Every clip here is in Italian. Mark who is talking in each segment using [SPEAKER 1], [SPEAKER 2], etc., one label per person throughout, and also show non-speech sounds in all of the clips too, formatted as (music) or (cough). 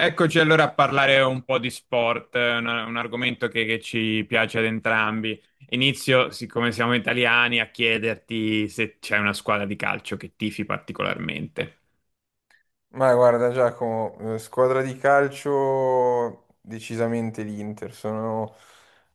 [SPEAKER 1] Eccoci allora a parlare un po' di sport, un argomento che ci piace ad entrambi. Inizio, siccome siamo italiani, a chiederti se c'è una squadra di calcio che tifi particolarmente.
[SPEAKER 2] Ma guarda Giacomo, squadra di calcio decisamente l'Inter, sono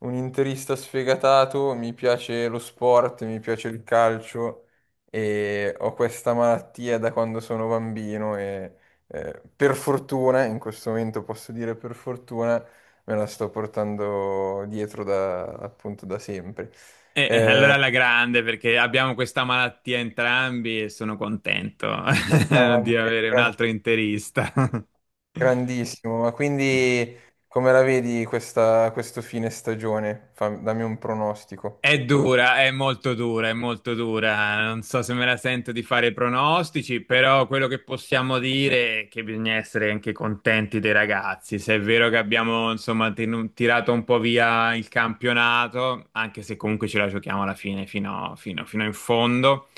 [SPEAKER 2] un interista sfegatato, mi piace lo sport, mi piace il calcio e ho questa malattia da quando sono bambino e per fortuna, in questo momento posso dire per fortuna, me la sto portando dietro da, appunto da sempre.
[SPEAKER 1] E allora
[SPEAKER 2] Eh,
[SPEAKER 1] alla grande, perché abbiamo questa malattia entrambi e sono contento (laughs)
[SPEAKER 2] grande,
[SPEAKER 1] di avere un
[SPEAKER 2] grande.
[SPEAKER 1] altro interista. (laughs)
[SPEAKER 2] Grandissimo, ma quindi come la vedi questo fine stagione? Dammi un pronostico.
[SPEAKER 1] È dura, è molto dura, è molto dura. Non so se me la sento di fare pronostici, però quello che possiamo dire è che bisogna essere anche contenti dei ragazzi. Se è vero che abbiamo, insomma, tirato un po' via il campionato, anche se comunque ce la giochiamo alla fine, fino in fondo,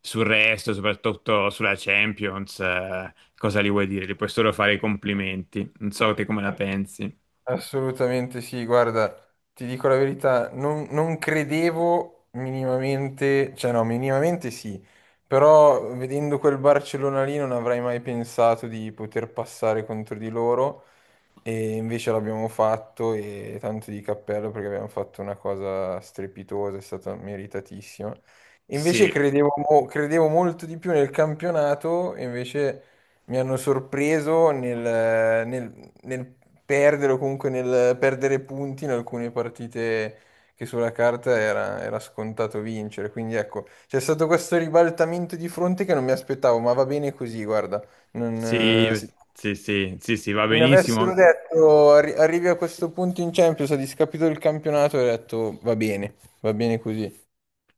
[SPEAKER 1] sul resto, soprattutto sulla Champions, cosa li vuoi dire? Li puoi solo fare i complimenti. Non so te come la pensi.
[SPEAKER 2] Assolutamente sì, guarda, ti dico la verità, non credevo minimamente, cioè no, minimamente sì, però vedendo quel Barcellona lì non avrei mai pensato di poter passare contro di loro. E invece l'abbiamo fatto e tanto di cappello perché abbiamo fatto una cosa strepitosa, è stata meritatissima. Invece
[SPEAKER 1] Sì,
[SPEAKER 2] credevo molto di più nel campionato, e invece mi hanno sorpreso nel perdere o comunque nel perdere punti in alcune partite che sulla carta era scontato vincere. Quindi ecco, c'è stato questo ribaltamento di fronte che non mi aspettavo, ma va bene così, guarda. Non,
[SPEAKER 1] sì,
[SPEAKER 2] sì.
[SPEAKER 1] sì, sì, sì, sì, va
[SPEAKER 2] Se mi
[SPEAKER 1] benissimo.
[SPEAKER 2] avessero detto "Arrivi a questo punto in Champions, ha discapito il campionato, avrei detto va bene così.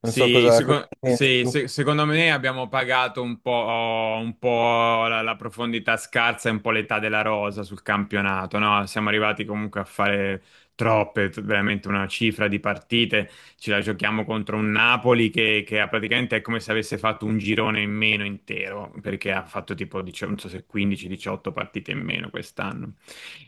[SPEAKER 2] Non so
[SPEAKER 1] Sì,
[SPEAKER 2] cosa ne pensi tu.
[SPEAKER 1] secondo me abbiamo pagato un po' la, profondità scarsa e un po' l'età della rosa sul campionato, no? Siamo arrivati comunque a fare troppe, veramente una cifra di partite ce la giochiamo contro un Napoli che ha praticamente è come se avesse fatto un girone in meno intero, perché ha fatto tipo, non so se 15-18 partite in meno quest'anno.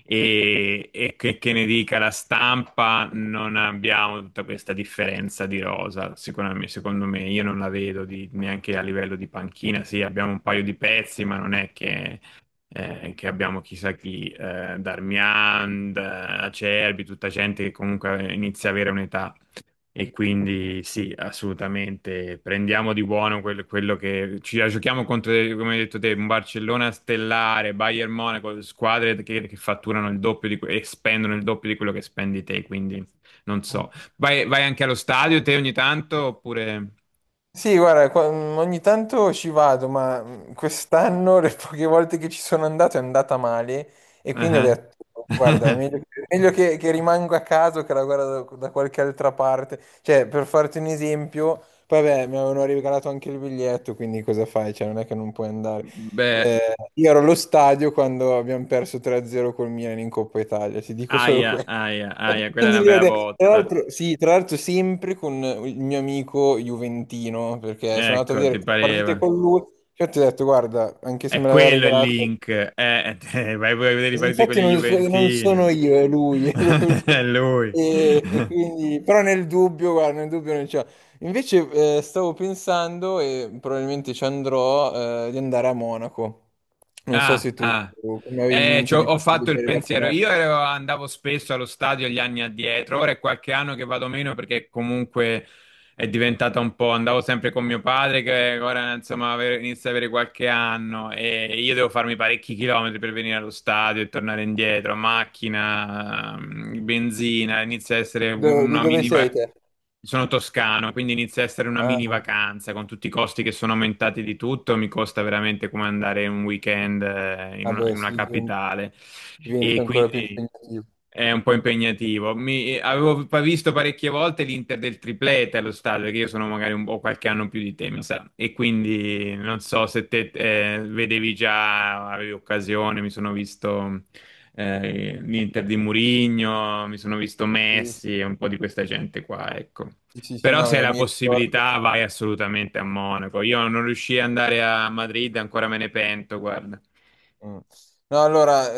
[SPEAKER 1] E, (laughs) e che ne dica la stampa, non abbiamo tutta questa differenza di rosa, sicuramente, secondo me, io non la vedo neanche a livello di panchina, sì, abbiamo un paio di pezzi, ma non è che abbiamo chissà chi, Darmian, Acerbi, tutta gente che comunque inizia a avere un'età. E quindi sì, assolutamente. Prendiamo di buono quello che ci la giochiamo contro, come hai detto te, un Barcellona stellare, Bayern Monaco, squadre che fatturano il doppio di, e spendono il doppio di quello che spendi te. Quindi non so. Vai anche allo stadio te ogni tanto oppure.
[SPEAKER 2] Sì, guarda, ogni tanto ci vado, ma quest'anno (laughs) le poche volte che ci sono andato è andata male e quindi ho
[SPEAKER 1] Ah,
[SPEAKER 2] detto, guarda,
[SPEAKER 1] ah. (laughs)
[SPEAKER 2] è meglio che rimango a casa o che la guardo da qualche altra parte. Cioè, per farti un esempio, poi vabbè, mi avevano regalato anche il biglietto, quindi cosa fai? Cioè, non è che non puoi andare.
[SPEAKER 1] Beh,
[SPEAKER 2] Io ero allo stadio quando abbiamo perso 3-0 col Milan in Coppa Italia, ti dico solo (laughs)
[SPEAKER 1] aia,
[SPEAKER 2] questo.
[SPEAKER 1] aia,
[SPEAKER 2] E
[SPEAKER 1] aia,
[SPEAKER 2] (laughs)
[SPEAKER 1] quella è
[SPEAKER 2] Quindi
[SPEAKER 1] una
[SPEAKER 2] lì
[SPEAKER 1] bella
[SPEAKER 2] tra
[SPEAKER 1] botta.
[SPEAKER 2] l'altro, sì, tra l'altro sempre con il mio amico Juventino, perché sono andato a
[SPEAKER 1] Ecco,
[SPEAKER 2] vedere
[SPEAKER 1] ti
[SPEAKER 2] le partite
[SPEAKER 1] pareva.
[SPEAKER 2] con lui, cioè ti ho detto, guarda, anche se
[SPEAKER 1] È
[SPEAKER 2] me l'aveva
[SPEAKER 1] quello il
[SPEAKER 2] regalato,
[SPEAKER 1] link. Vai pure a vedere i partiti con
[SPEAKER 2] infatti
[SPEAKER 1] gli
[SPEAKER 2] non sono
[SPEAKER 1] Juventini.
[SPEAKER 2] io, è lui, è lui.
[SPEAKER 1] (laughs) È
[SPEAKER 2] (laughs)
[SPEAKER 1] lui.
[SPEAKER 2] E quindi, però nel dubbio, guarda, nel dubbio non c'è. Invece stavo pensando, e probabilmente ci andrò, di andare a Monaco. Non so
[SPEAKER 1] Ah,
[SPEAKER 2] se tu
[SPEAKER 1] ah.
[SPEAKER 2] come avevi in
[SPEAKER 1] Eh,
[SPEAKER 2] mente
[SPEAKER 1] c'ho-
[SPEAKER 2] di
[SPEAKER 1] ho ho fatto il
[SPEAKER 2] vedere la
[SPEAKER 1] pensiero.
[SPEAKER 2] finale.
[SPEAKER 1] Andavo spesso allo stadio gli anni addietro, ora è qualche anno che vado meno perché comunque è diventata un po', andavo sempre con mio padre che ora insomma inizia ad avere qualche anno e io devo farmi parecchi chilometri per venire allo stadio e tornare indietro, macchina, benzina, inizia a essere
[SPEAKER 2] Di
[SPEAKER 1] una
[SPEAKER 2] dove
[SPEAKER 1] mini
[SPEAKER 2] sei
[SPEAKER 1] va-
[SPEAKER 2] te?
[SPEAKER 1] Sono toscano, quindi inizia a essere una mini
[SPEAKER 2] Ah.
[SPEAKER 1] vacanza con tutti i costi che sono aumentati di tutto, mi costa veramente come andare un weekend in una
[SPEAKER 2] Vabbè, sì, diventa
[SPEAKER 1] capitale e
[SPEAKER 2] diventa ancora più
[SPEAKER 1] quindi
[SPEAKER 2] impegnativo.
[SPEAKER 1] è un po' impegnativo. Avevo visto parecchie volte l'Inter del triplete allo stadio, perché io sono magari un po' qualche anno più di te, mi sa. E quindi non so se te vedevi già, avevi occasione, mi sono visto l'Inter di Mourinho, mi sono visto
[SPEAKER 2] Sì,
[SPEAKER 1] Messi e un po' di questa gente qua, ecco.
[SPEAKER 2] sì, sì, sì,
[SPEAKER 1] Però
[SPEAKER 2] no,
[SPEAKER 1] se hai la
[SPEAKER 2] mi ricordo.
[SPEAKER 1] possibilità vai assolutamente a Monaco. Io non riuscii ad andare a Madrid, ancora me ne pento, guarda.
[SPEAKER 2] Mm. No, allora,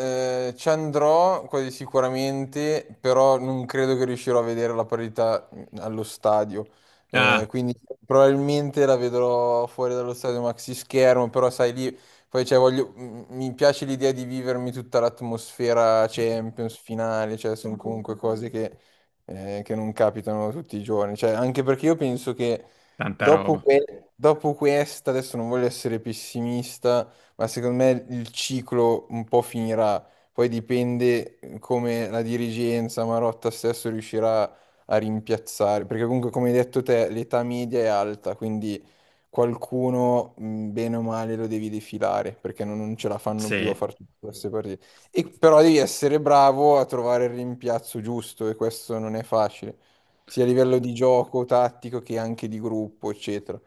[SPEAKER 2] ci andrò quasi sicuramente, però non credo che riuscirò a vedere la partita allo stadio. Eh,
[SPEAKER 1] Ah,
[SPEAKER 2] quindi probabilmente la vedrò fuori dallo stadio maxi schermo, però sai lì, poi cioè, mi piace l'idea di vivermi tutta l'atmosfera Champions finale, cioè sono comunque cose che non capitano tutti i giorni. Cioè, anche perché io penso che
[SPEAKER 1] tanta
[SPEAKER 2] dopo,
[SPEAKER 1] roba.
[SPEAKER 2] que- dopo questa, adesso non voglio essere pessimista ma secondo me il ciclo un po' finirà. Poi dipende come la dirigenza, Marotta stesso riuscirà a rimpiazzare, perché comunque come hai detto te l'età media è alta, quindi qualcuno bene o male lo devi defilare, perché non ce la fanno più a
[SPEAKER 1] Sì.
[SPEAKER 2] fare tutte queste partite. E però devi essere bravo a trovare il rimpiazzo giusto e questo non è facile, sia a livello di gioco tattico che anche di gruppo, eccetera.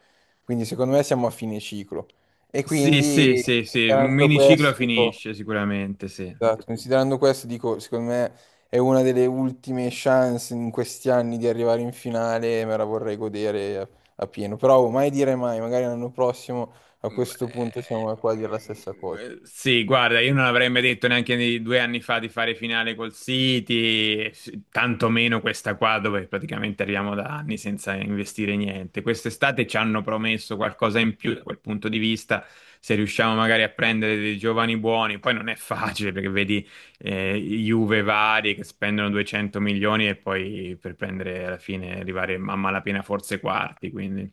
[SPEAKER 2] Quindi secondo me siamo a fine ciclo. E
[SPEAKER 1] Sì, sì,
[SPEAKER 2] quindi,
[SPEAKER 1] sì, sì, un
[SPEAKER 2] considerando
[SPEAKER 1] miniciclo
[SPEAKER 2] questo, dico,
[SPEAKER 1] finisce sicuramente, sì.
[SPEAKER 2] esatto, considerando questo, dico, secondo me è una delle ultime chance in questi anni di arrivare in finale e me la vorrei godere a pieno. Però oh, mai dire mai, magari l'anno prossimo a
[SPEAKER 1] Mm,
[SPEAKER 2] questo punto siamo qua a dire la
[SPEAKER 1] eh,
[SPEAKER 2] stessa cosa.
[SPEAKER 1] Sì, guarda, io non avrei mai detto neanche 2 anni fa di fare finale col City, e tantomeno questa qua dove praticamente arriviamo da anni senza investire niente. Quest'estate ci hanno promesso qualcosa in più da quel punto di vista, se riusciamo magari a prendere dei giovani buoni, poi non è facile perché vedi Juve vari che spendono 200 milioni e poi per prendere alla fine arrivare a malapena forse quarti.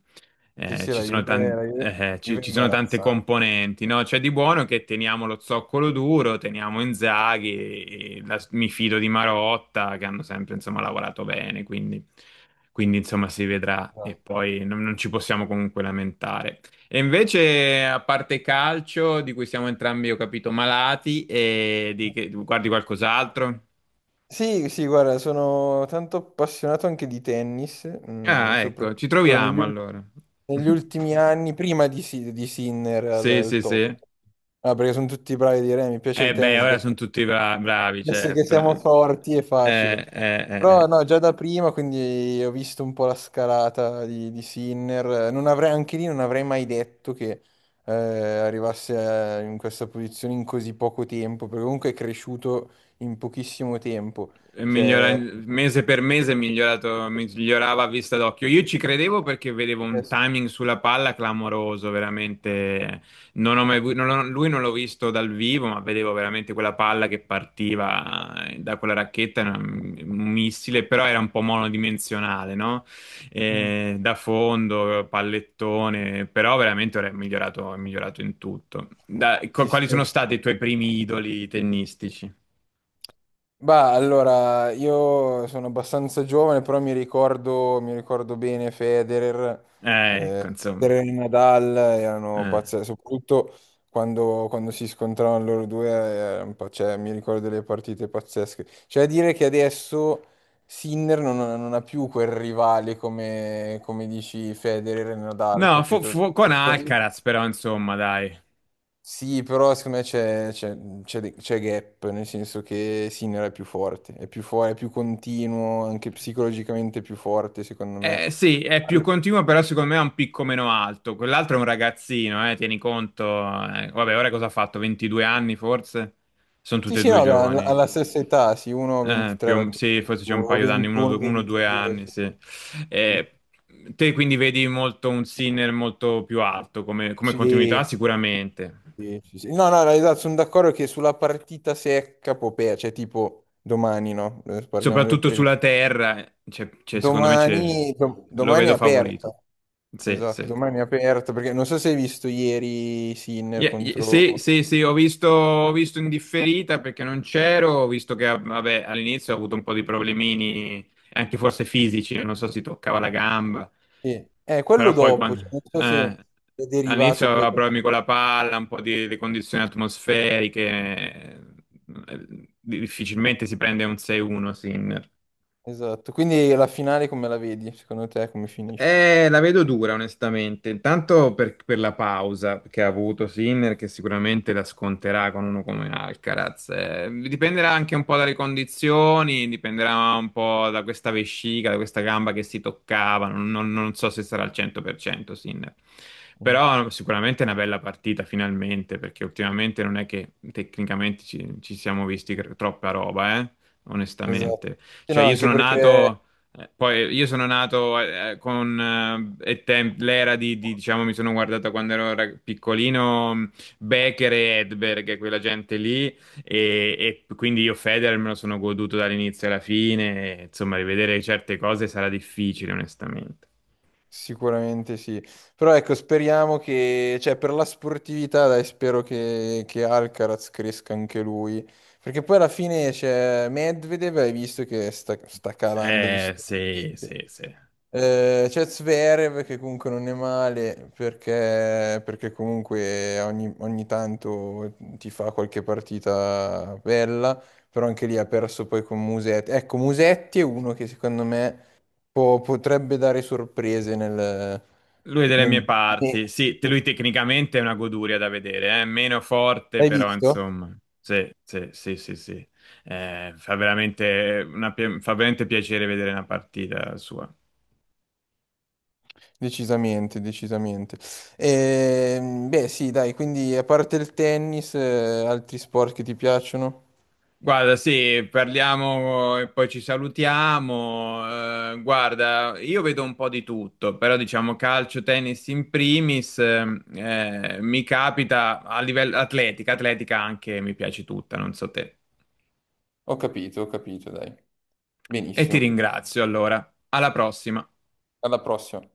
[SPEAKER 2] Sì,
[SPEAKER 1] Eh,
[SPEAKER 2] sì,
[SPEAKER 1] ci
[SPEAKER 2] la
[SPEAKER 1] sono
[SPEAKER 2] Juve,
[SPEAKER 1] tan-
[SPEAKER 2] la Juve,
[SPEAKER 1] eh, ci,
[SPEAKER 2] Juve è
[SPEAKER 1] ci sono tante
[SPEAKER 2] imbarazzante.
[SPEAKER 1] componenti, no? C'è di buono che teniamo lo zoccolo duro, teniamo Inzaghi, e mi fido di Marotta, che hanno sempre, insomma, lavorato bene, quindi, insomma, si vedrà e
[SPEAKER 2] Esatto.
[SPEAKER 1] poi non ci possiamo comunque lamentare. E invece, a parte calcio, di cui siamo entrambi, ho capito, malati, e guardi qualcos'altro?
[SPEAKER 2] Sì, sì, guarda, sono tanto appassionato anche di tennis,
[SPEAKER 1] Ah, ecco, ci
[SPEAKER 2] soprattutto negli
[SPEAKER 1] troviamo
[SPEAKER 2] ultimi...
[SPEAKER 1] allora.
[SPEAKER 2] negli ultimi
[SPEAKER 1] (laughs)
[SPEAKER 2] anni, prima di Sinner al,
[SPEAKER 1] Sì,
[SPEAKER 2] al
[SPEAKER 1] sì,
[SPEAKER 2] top.
[SPEAKER 1] sì.
[SPEAKER 2] Ah, perché sono tutti bravi a dire, mi piace il
[SPEAKER 1] Eh beh,
[SPEAKER 2] tennis,
[SPEAKER 1] ora sono tutti bravi,
[SPEAKER 2] adesso che
[SPEAKER 1] certo.
[SPEAKER 2] siamo forti è facile.
[SPEAKER 1] Eh, eh,
[SPEAKER 2] Però
[SPEAKER 1] eh.
[SPEAKER 2] no, già da prima, quindi ho visto un po' la scalata di Sinner. Non avrei, anche lì non avrei mai detto che arrivasse in questa posizione in così poco tempo, perché comunque è cresciuto in pochissimo tempo.
[SPEAKER 1] è migliora-
[SPEAKER 2] Cioè,
[SPEAKER 1] mese per mese è migliorato, migliorava a vista d'occhio. Io ci credevo perché vedevo
[SPEAKER 2] eh,
[SPEAKER 1] un timing sulla palla clamoroso, veramente. Non ho mai vu- non ho- lui non l'ho visto dal vivo, ma vedevo veramente quella palla che partiva da quella racchetta, era un missile, però era un po' monodimensionale, no? Da fondo, pallettone, però veramente ora è migliorato in tutto. Da- qu-
[SPEAKER 2] sì, sì.
[SPEAKER 1] quali sono stati i tuoi primi idoli tennistici?
[SPEAKER 2] Bah, allora, io sono abbastanza giovane, però mi ricordo bene
[SPEAKER 1] Eh,
[SPEAKER 2] eh,
[SPEAKER 1] ecco, insomma.
[SPEAKER 2] Federer e Nadal erano
[SPEAKER 1] Eh.
[SPEAKER 2] pazzeschi, soprattutto quando si scontravano loro due, un po', cioè, mi ricordo delle partite pazzesche. Cioè, a dire che adesso Sinner non ha più quel rivale come dici Federer e Nadal,
[SPEAKER 1] No,
[SPEAKER 2] capito?
[SPEAKER 1] con Alcaraz però, insomma, dai.
[SPEAKER 2] Sì, però secondo me c'è gap, nel senso che Sinner è più forte, è più continuo, anche psicologicamente è più forte, secondo me.
[SPEAKER 1] Sì, è più
[SPEAKER 2] Al-
[SPEAKER 1] continuo, però secondo me ha un picco meno alto. Quell'altro è un ragazzino, tieni conto. Vabbè, ora cosa ha fatto? 22 anni forse? Sono
[SPEAKER 2] Sì,
[SPEAKER 1] tutti e
[SPEAKER 2] sì,
[SPEAKER 1] due
[SPEAKER 2] no, alla,
[SPEAKER 1] giovani.
[SPEAKER 2] alla stessa età, sì,
[SPEAKER 1] Eh,
[SPEAKER 2] 1,23
[SPEAKER 1] più o-
[SPEAKER 2] alla
[SPEAKER 1] sì, forse c'è un paio d'anni,
[SPEAKER 2] 21,
[SPEAKER 1] uno o due
[SPEAKER 2] 22,
[SPEAKER 1] anni,
[SPEAKER 2] sì.
[SPEAKER 1] sì.
[SPEAKER 2] Sì,
[SPEAKER 1] Eh, te quindi vedi molto un Sinner molto più alto come, continuità,
[SPEAKER 2] sì,
[SPEAKER 1] sicuramente.
[SPEAKER 2] sì, sì, sì. No, no, no, esatto, sono d'accordo che sulla partita secca Popea, cioè tipo domani, no? Parliamo del
[SPEAKER 1] Soprattutto
[SPEAKER 2] presente.
[SPEAKER 1] sulla terra, secondo me
[SPEAKER 2] Domani, dom-
[SPEAKER 1] lo
[SPEAKER 2] domani è
[SPEAKER 1] vedo
[SPEAKER 2] aperta.
[SPEAKER 1] favorito. Sì,
[SPEAKER 2] Esatto,
[SPEAKER 1] sì.
[SPEAKER 2] domani è aperto perché non so se hai visto ieri Sinner
[SPEAKER 1] Yeah, yeah,
[SPEAKER 2] contro...
[SPEAKER 1] sì, sì, sì, ho visto in differita perché non c'ero, ho visto che ah, vabbè, all'inizio ho avuto un po' di problemini, anche forse fisici, non so si toccava la gamba,
[SPEAKER 2] Sì, quello
[SPEAKER 1] però poi
[SPEAKER 2] dopo,
[SPEAKER 1] quando,
[SPEAKER 2] cioè, non so se
[SPEAKER 1] eh,
[SPEAKER 2] è derivato
[SPEAKER 1] all'inizio
[SPEAKER 2] poi...
[SPEAKER 1] aveva problemi con la palla, un po' di condizioni atmosferiche, difficilmente si prende un 6-1, sì,
[SPEAKER 2] Esatto, quindi la finale come la vedi? Secondo te come finisce?
[SPEAKER 1] La vedo dura, onestamente. Intanto per, la pausa che ha avuto Sinner, che sicuramente la sconterà con uno come Alcaraz. Dipenderà anche un po' dalle condizioni, dipenderà un po' da questa vescica, da questa gamba che si toccava. Non so se sarà al 100% Sinner.
[SPEAKER 2] Mm.
[SPEAKER 1] Però sicuramente è una bella partita, finalmente, perché ultimamente non è che tecnicamente ci siamo visti troppa roba,
[SPEAKER 2] Esatto.
[SPEAKER 1] onestamente.
[SPEAKER 2] Sì,
[SPEAKER 1] Cioè,
[SPEAKER 2] no,
[SPEAKER 1] io
[SPEAKER 2] anche
[SPEAKER 1] sono
[SPEAKER 2] perché
[SPEAKER 1] nato. Poi io sono nato con l'era diciamo, mi sono guardato quando ero piccolino, Becker e Edberg, quella gente lì, e, quindi io Federer me lo sono goduto dall'inizio alla fine, e, insomma, rivedere certe cose sarà difficile, onestamente.
[SPEAKER 2] sicuramente sì. Però ecco, speriamo che, cioè per la sportività, dai, spero che Alcaraz cresca anche lui. Perché poi alla fine c'è Medvedev, hai visto che sta calando, visto.
[SPEAKER 1] Sì, sì, sì.
[SPEAKER 2] C'è Zverev che comunque non è male perché comunque ogni tanto ti fa qualche partita bella, però anche lì ha perso poi con Musetti. Ecco, Musetti è uno che secondo me potrebbe dare sorprese nel...
[SPEAKER 1] Lui è delle mie
[SPEAKER 2] nel- ne-
[SPEAKER 1] parti, sì, lui
[SPEAKER 2] ne-
[SPEAKER 1] tecnicamente è una goduria da vedere, è meno forte,
[SPEAKER 2] Hai
[SPEAKER 1] però
[SPEAKER 2] visto?
[SPEAKER 1] insomma, sì, sì, sì, sì, sì. Fa veramente piacere vedere una partita sua.
[SPEAKER 2] Decisamente, decisamente. Beh, sì, dai, quindi a parte il tennis, altri sport che ti piacciono?
[SPEAKER 1] Guarda, sì, parliamo e poi ci salutiamo. Guarda, io vedo un po' di tutto, però diciamo calcio, tennis in primis, mi capita a livello atletica, atletica anche mi piace tutta, non so te.
[SPEAKER 2] Ho capito, dai.
[SPEAKER 1] E ti
[SPEAKER 2] Benissimo.
[SPEAKER 1] ringrazio allora. Alla prossima.
[SPEAKER 2] Alla prossima.